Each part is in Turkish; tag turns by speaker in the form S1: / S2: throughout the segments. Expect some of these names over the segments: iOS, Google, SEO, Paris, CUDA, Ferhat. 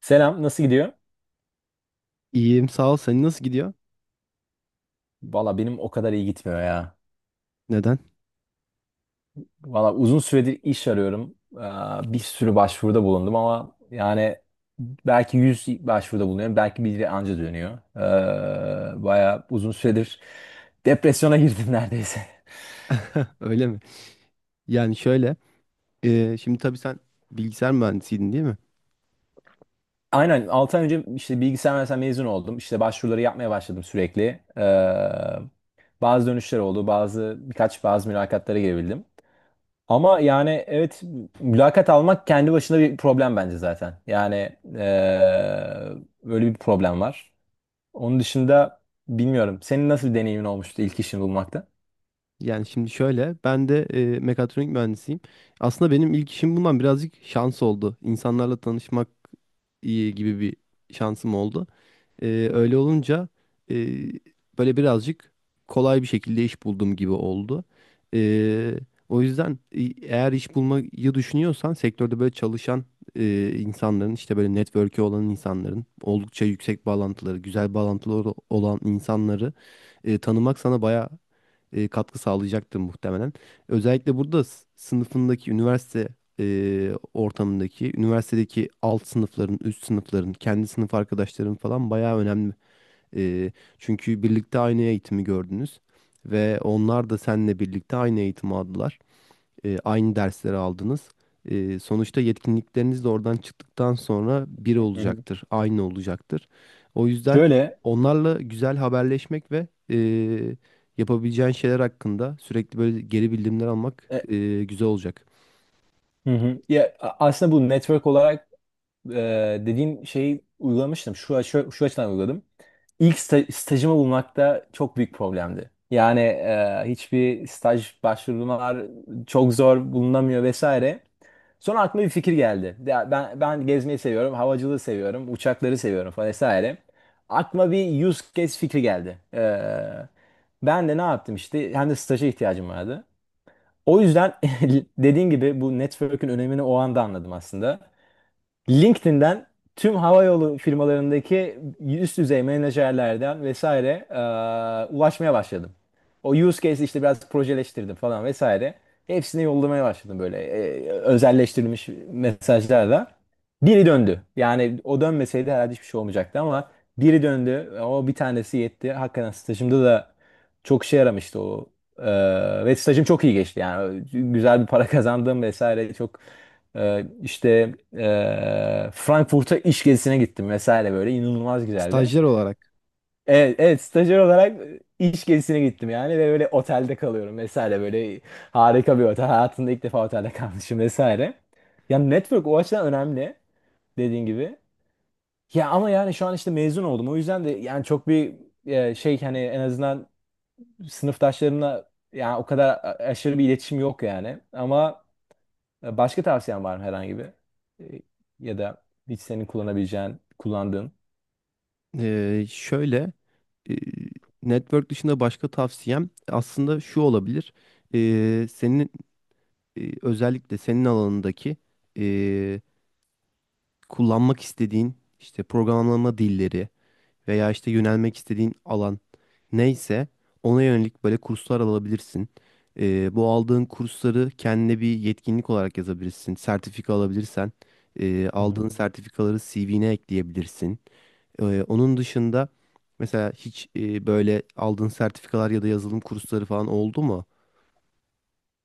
S1: Selam, nasıl gidiyor?
S2: İyiyim sağ ol. Senin nasıl gidiyor?
S1: Valla benim o kadar iyi gitmiyor ya.
S2: Neden?
S1: Valla uzun süredir iş arıyorum. Bir sürü başvuruda bulundum ama yani belki 100 başvuruda bulunuyorum. Belki biri anca dönüyor. Baya uzun süredir depresyona girdim neredeyse.
S2: Öyle mi? Yani şöyle. Şimdi tabii sen bilgisayar mühendisiydin değil mi?
S1: Aynen 6 ay önce işte bilgisayar mühendisliğinden mezun oldum. İşte başvuruları yapmaya başladım sürekli. Bazı dönüşler oldu. Birkaç bazı mülakatlara girebildim. Ama yani evet, mülakat almak kendi başına bir problem bence zaten. Yani eee, böyle bir problem var. Onun dışında bilmiyorum. Senin nasıl bir deneyimin olmuştu ilk işini bulmakta?
S2: Yani şimdi şöyle. Ben de mekatronik mühendisiyim. Aslında benim ilk işim bundan birazcık şans oldu. İnsanlarla tanışmak iyi gibi bir şansım oldu. Ee, öyle olunca e, böyle birazcık kolay bir şekilde iş buldum gibi oldu. Ee, o yüzden eğer iş bulmayı düşünüyorsan sektörde böyle çalışan insanların, işte böyle network'ü olan insanların, oldukça yüksek bağlantıları, güzel bağlantıları olan insanları tanımak sana bayağı katkı sağlayacaktır muhtemelen. Özellikle burada sınıfındaki, üniversite ortamındaki, üniversitedeki alt sınıfların, üst sınıfların, kendi sınıf arkadaşların falan bayağı önemli. E, çünkü birlikte aynı eğitimi gördünüz ve onlar da seninle birlikte aynı eğitimi aldılar, aynı dersleri aldınız. Sonuçta yetkinlikleriniz de oradan çıktıktan sonra bir
S1: Hı hı.
S2: olacaktır, aynı olacaktır. O yüzden
S1: Şöyle
S2: onlarla güzel haberleşmek ve yapabileceğin şeyler hakkında sürekli böyle geri bildirimler almak
S1: e,
S2: güzel olacak.
S1: hı hı. Ya, aslında bu network olarak e, dediğin şeyi uygulamıştım. Şu açıdan uyguladım. İlk stajımı bulmakta çok büyük problemdi. Yani hiçbir staj başvurular çok zor bulunamıyor vesaire. Sonra aklıma bir fikir geldi. Ya ben gezmeyi seviyorum, havacılığı seviyorum, uçakları seviyorum falan vesaire. Aklıma bir use case fikri geldi. Ben de ne yaptım işte, hem de staja ihtiyacım vardı. O yüzden dediğin gibi bu network'ün önemini o anda anladım aslında. LinkedIn'den tüm havayolu firmalarındaki üst düzey menajerlerden vesaire ulaşmaya başladım. O use case işte biraz projeleştirdim falan vesaire. Hepsine yollamaya başladım böyle özelleştirilmiş mesajlarla. Biri döndü. Yani o dönmeseydi herhalde hiçbir şey olmayacaktı ama biri döndü. O bir tanesi yetti. Hakikaten stajımda da çok işe yaramıştı o. E, ve stajım çok iyi geçti. Yani güzel bir para kazandım vesaire, çok işte Frankfurt'a iş gezisine gittim vesaire, böyle inanılmaz güzeldi.
S2: Stajyer olarak.
S1: Evet, evet, stajyer olarak iş gezisine gittim yani ve böyle otelde kalıyorum vesaire, böyle harika bir otel. Hayatımda ilk defa otelde kalmışım vesaire. Yani network o açıdan önemli, dediğin gibi. Ya ama yani şu an işte mezun oldum. O yüzden de yani çok bir şey, hani en azından sınıftaşlarımla yani o kadar aşırı bir iletişim yok yani. Ama başka tavsiyen var mı herhangi bir? E, Ya da hiç senin kullanabileceğin, kullandığın?
S2: Şöyle, e, network dışında başka tavsiyem aslında şu olabilir. Senin özellikle senin alanındaki e, kullanmak istediğin işte programlama dilleri veya işte yönelmek istediğin alan neyse ona yönelik böyle kurslar alabilirsin. Bu aldığın kursları kendine bir yetkinlik olarak yazabilirsin. Sertifika alabilirsen
S1: Hı hı.
S2: aldığın sertifikaları CV'ne ekleyebilirsin. Onun dışında mesela hiç böyle aldığın sertifikalar ya da yazılım kursları falan oldu mu?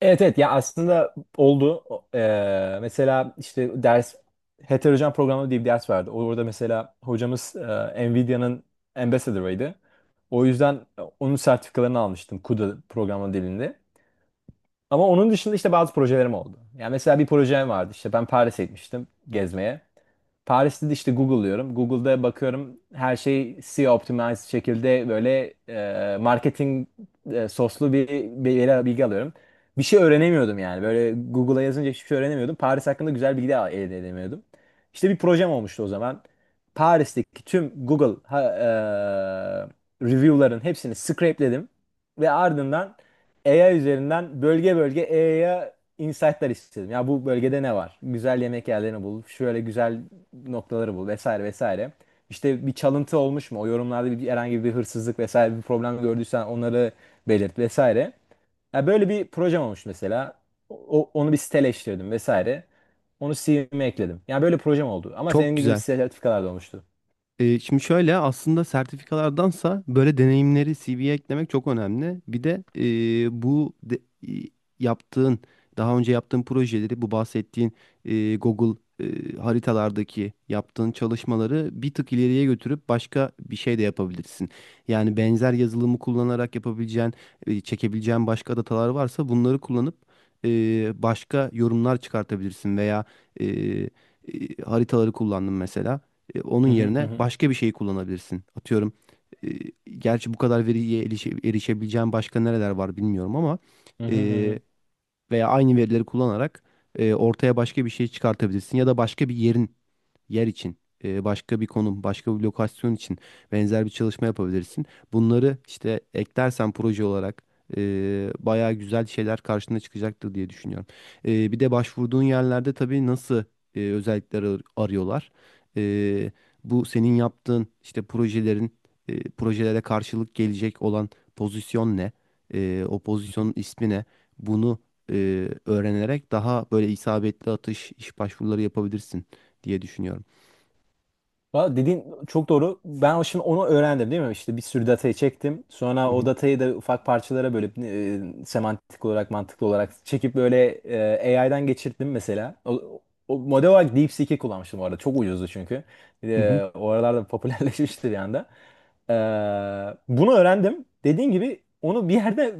S1: Evet, evet, ya aslında oldu. Mesela işte ders, heterojen programlama diye bir ders vardı. Orada mesela hocamız Nvidia'nın Ambassador'ıydı. O yüzden onun sertifikalarını almıştım, CUDA programlama dilinde. Ama onun dışında işte bazı projelerim oldu. Yani mesela bir projem vardı. İşte ben Paris'e gitmiştim gezmeye. Paris'te de işte Google'lıyorum. Google'da bakıyorum, her şey SEO optimized şekilde böyle marketing soslu bir bilgi alıyorum. Bir şey öğrenemiyordum yani. Böyle Google'a yazınca hiçbir şey öğrenemiyordum. Paris hakkında güzel bilgi de elde edemiyordum. İşte bir projem olmuştu o zaman. Paris'teki tüm Google review'ların hepsini scrapeledim ve ardından AI üzerinden bölge bölge AI'ya insight'lar istedim. Ya bu bölgede ne var? Güzel yemek yerlerini bul, şöyle güzel noktaları bul vesaire vesaire. İşte bir çalıntı olmuş mu? O yorumlarda bir, herhangi bir hırsızlık vesaire bir problem gördüysen onları belirt vesaire. Ya böyle bir projem olmuş mesela. Onu bir siteleştirdim vesaire. Onu CV'me ekledim. Yani böyle projem oldu. Ama
S2: Çok
S1: senin gibi
S2: güzel.
S1: sertifikalar da olmuştu.
S2: Şimdi şöyle, aslında sertifikalardansa böyle deneyimleri CV'ye eklemek çok önemli. Bir de e, bu de- e, yaptığın daha önce yaptığın projeleri, bu bahsettiğin Google haritalardaki yaptığın çalışmaları bir tık ileriye götürüp başka bir şey de yapabilirsin. Yani benzer yazılımı kullanarak yapabileceğin, çekebileceğin başka datalar varsa bunları kullanıp e, başka yorumlar çıkartabilirsin veya e, e, haritaları kullandım mesela. Onun
S1: Hı
S2: yerine
S1: hı.
S2: başka bir şey kullanabilirsin. Atıyorum, e, gerçi bu kadar veriye erişebileceğin başka nereler var bilmiyorum ama
S1: Hı hı, hı
S2: e,
S1: hı.
S2: veya aynı verileri kullanarak ortaya başka bir şey çıkartabilirsin ya da başka bir yer için, başka bir konum, başka bir lokasyon için benzer bir çalışma yapabilirsin. Bunları işte eklersen proje olarak bayağı güzel şeyler karşına çıkacaktır diye düşünüyorum. Bir de başvurduğun yerlerde tabii nasıl özellikler arıyorlar. E, bu senin yaptığın işte projelere karşılık gelecek olan pozisyon ne? O pozisyonun ismi ne? Bunu öğrenerek daha böyle isabetli atış iş başvuruları yapabilirsin diye düşünüyorum.
S1: Valla dediğin çok doğru. Ben şimdi onu öğrendim, değil mi? İşte bir sürü datayı çektim.
S2: Hı
S1: Sonra o
S2: hı.
S1: datayı da ufak parçalara bölüp semantik olarak, mantıklı olarak çekip böyle AI'dan geçirdim mesela. O model olarak DeepSeek'i kullanmıştım bu arada. Çok ucuzdu çünkü.
S2: Hı hı.
S1: O aralarda popülerleşmişti bir anda. E, Bunu öğrendim. Dediğin gibi onu bir yerde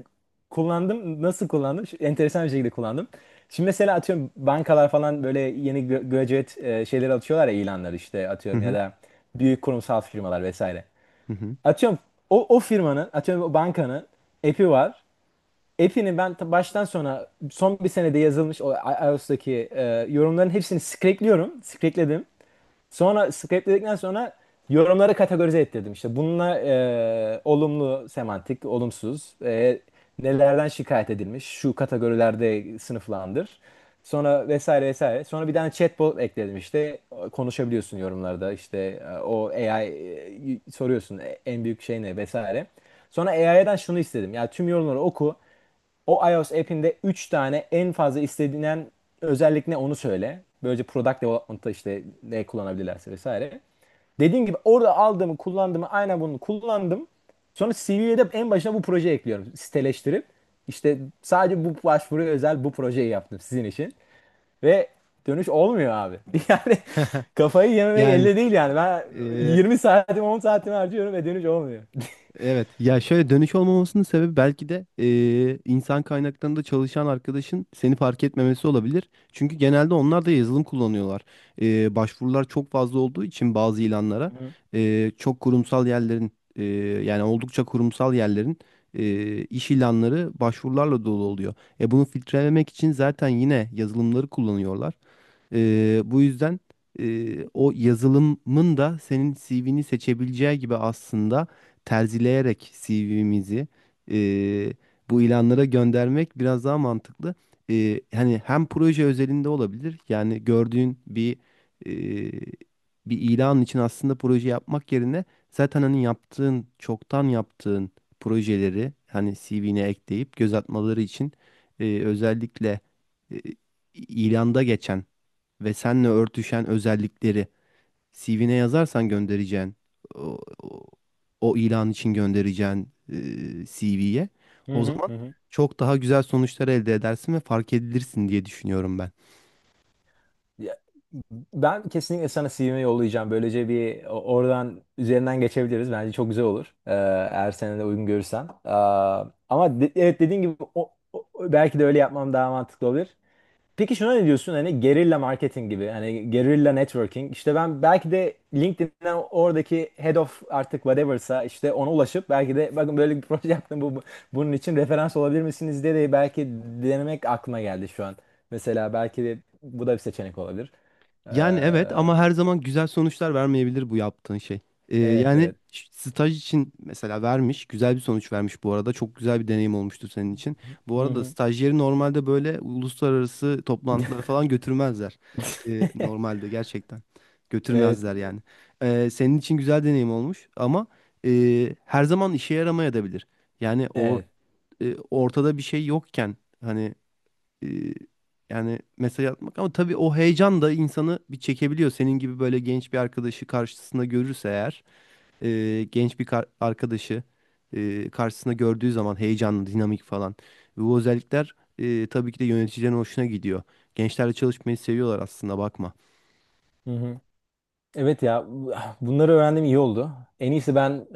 S1: kullandım. Nasıl kullandım? Enteresan bir şekilde kullandım. Şimdi mesela atıyorum, bankalar falan böyle yeni graduate şeyleri atıyorlar ya, ilanları, işte
S2: Hı
S1: atıyorum ya
S2: hı.
S1: da büyük kurumsal firmalar vesaire.
S2: Hı hı.
S1: Atıyorum o firmanın, atıyorum o bankanın app'i var. App'ini ben baştan sona, son bir senede yazılmış iOS'taki yorumların hepsini scrape'liyorum. Scrape'ledim. Sonra scrape'ledikten sonra yorumları kategorize ettirdim. İşte bununla olumlu semantik, olumsuz, nelerden şikayet edilmiş, şu kategorilerde sınıflandır. Sonra vesaire vesaire. Sonra bir tane chatbot ekledim işte. Konuşabiliyorsun yorumlarda işte, o AI, soruyorsun en büyük şey ne vesaire. Sonra AI'den şunu istedim. Ya tüm yorumları oku. O iOS app'inde 3 tane en fazla istenilen özellik ne, onu söyle. Böylece product development'ta işte ne kullanabilirlerse vesaire. Dediğim gibi, orada aldığımı kullandığımı, aynen bunu kullandım. Sonra CV'ye de en başına bu projeyi ekliyorum. Siteleştirip, işte sadece bu başvuruya özel bu projeyi yaptım sizin için. Ve dönüş olmuyor abi. Yani kafayı yememek
S2: Yani
S1: elde değil yani. Ben
S2: e,
S1: 20 saatimi, 10 saatimi harcıyorum ve dönüş olmuyor.
S2: evet, ya şöyle, dönüş olmamasının sebebi belki de insan kaynaklarında çalışan arkadaşın seni fark etmemesi olabilir. Çünkü genelde onlar da yazılım kullanıyorlar. Başvurular çok fazla olduğu için bazı ilanlara, çok kurumsal yerlerin, yani oldukça kurumsal yerlerin iş ilanları başvurularla dolu oluyor. Bunu filtrelemek için zaten yine yazılımları kullanıyorlar. Bu yüzden o yazılımın da senin CV'ni seçebileceği gibi, aslında terzileyerek CV'mizi e, bu ilanlara göndermek biraz daha mantıklı. Hani hem proje özelinde olabilir, yani gördüğün e, bir ilan için aslında proje yapmak yerine zaten hani çoktan yaptığın projeleri hani CV'ne ekleyip göz atmaları için özellikle e, ilanda geçen ve seninle örtüşen özellikleri CV'ne yazarsan, göndereceğin o, o, o ilan için göndereceğin CV'ye o
S1: Hı
S2: zaman
S1: hı. Hı.
S2: çok daha güzel sonuçlar elde edersin ve fark edilirsin diye düşünüyorum ben.
S1: Ya, ben kesinlikle sana CV'mi yollayacağım. Böylece bir oradan, üzerinden geçebiliriz. Bence çok güzel olur. Eğer sen de uygun görürsen. Ama evet, dediğin gibi belki de öyle yapmam daha mantıklı olur. Peki şuna ne diyorsun, hani gerilla marketing gibi, hani gerilla networking, işte ben belki de LinkedIn'den oradaki head of, artık whatever'sa, işte ona ulaşıp belki de "bakın böyle bir proje yaptım, bunun için referans olabilir misiniz" diye de belki denemek aklıma geldi şu an. Mesela belki de bu da bir seçenek olabilir. Ee,
S2: Yani evet, ama her zaman güzel sonuçlar vermeyebilir bu yaptığın şey. Ee,
S1: evet
S2: yani
S1: evet.
S2: staj için mesela vermiş, güzel bir sonuç vermiş bu arada. Çok güzel bir deneyim olmuştur senin için. Bu
S1: Hı
S2: arada
S1: hı.
S2: stajyeri normalde böyle uluslararası toplantılara falan götürmezler. Ee, normalde gerçekten
S1: Evet,
S2: götürmezler yani. Senin için güzel deneyim olmuş ama her zaman işe yaramayabilir. Yani
S1: evet.
S2: ortada bir şey yokken hani, e, yani mesaj atmak, ama tabii o heyecan da insanı bir çekebiliyor. Senin gibi böyle genç bir arkadaşı karşısında görürse eğer, genç bir arkadaşı karşısında gördüğü zaman, heyecanlı, dinamik falan. Ve bu özellikler tabii ki de yöneticilerin hoşuna gidiyor. Gençlerle çalışmayı seviyorlar aslında bakma.
S1: Hı hı. Evet ya, bunları öğrendim iyi oldu. En iyisi ben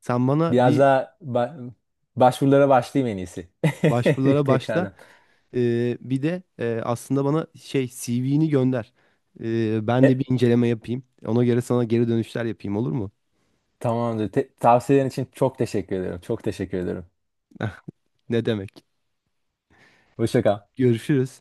S2: Sen bana
S1: biraz
S2: bir
S1: daha başvurulara başlayayım en iyisi. Bir
S2: başvurulara başla,
S1: tekrardan.
S2: bir de aslında bana şey CV'ni gönder. Ben
S1: E,
S2: de bir inceleme yapayım. Ona göre sana geri dönüşler yapayım, olur mu?
S1: tamamdır. Tavsiyelerin için çok teşekkür ediyorum. Çok teşekkür ediyorum.
S2: Ne demek?
S1: Hoşça kal.
S2: Görüşürüz.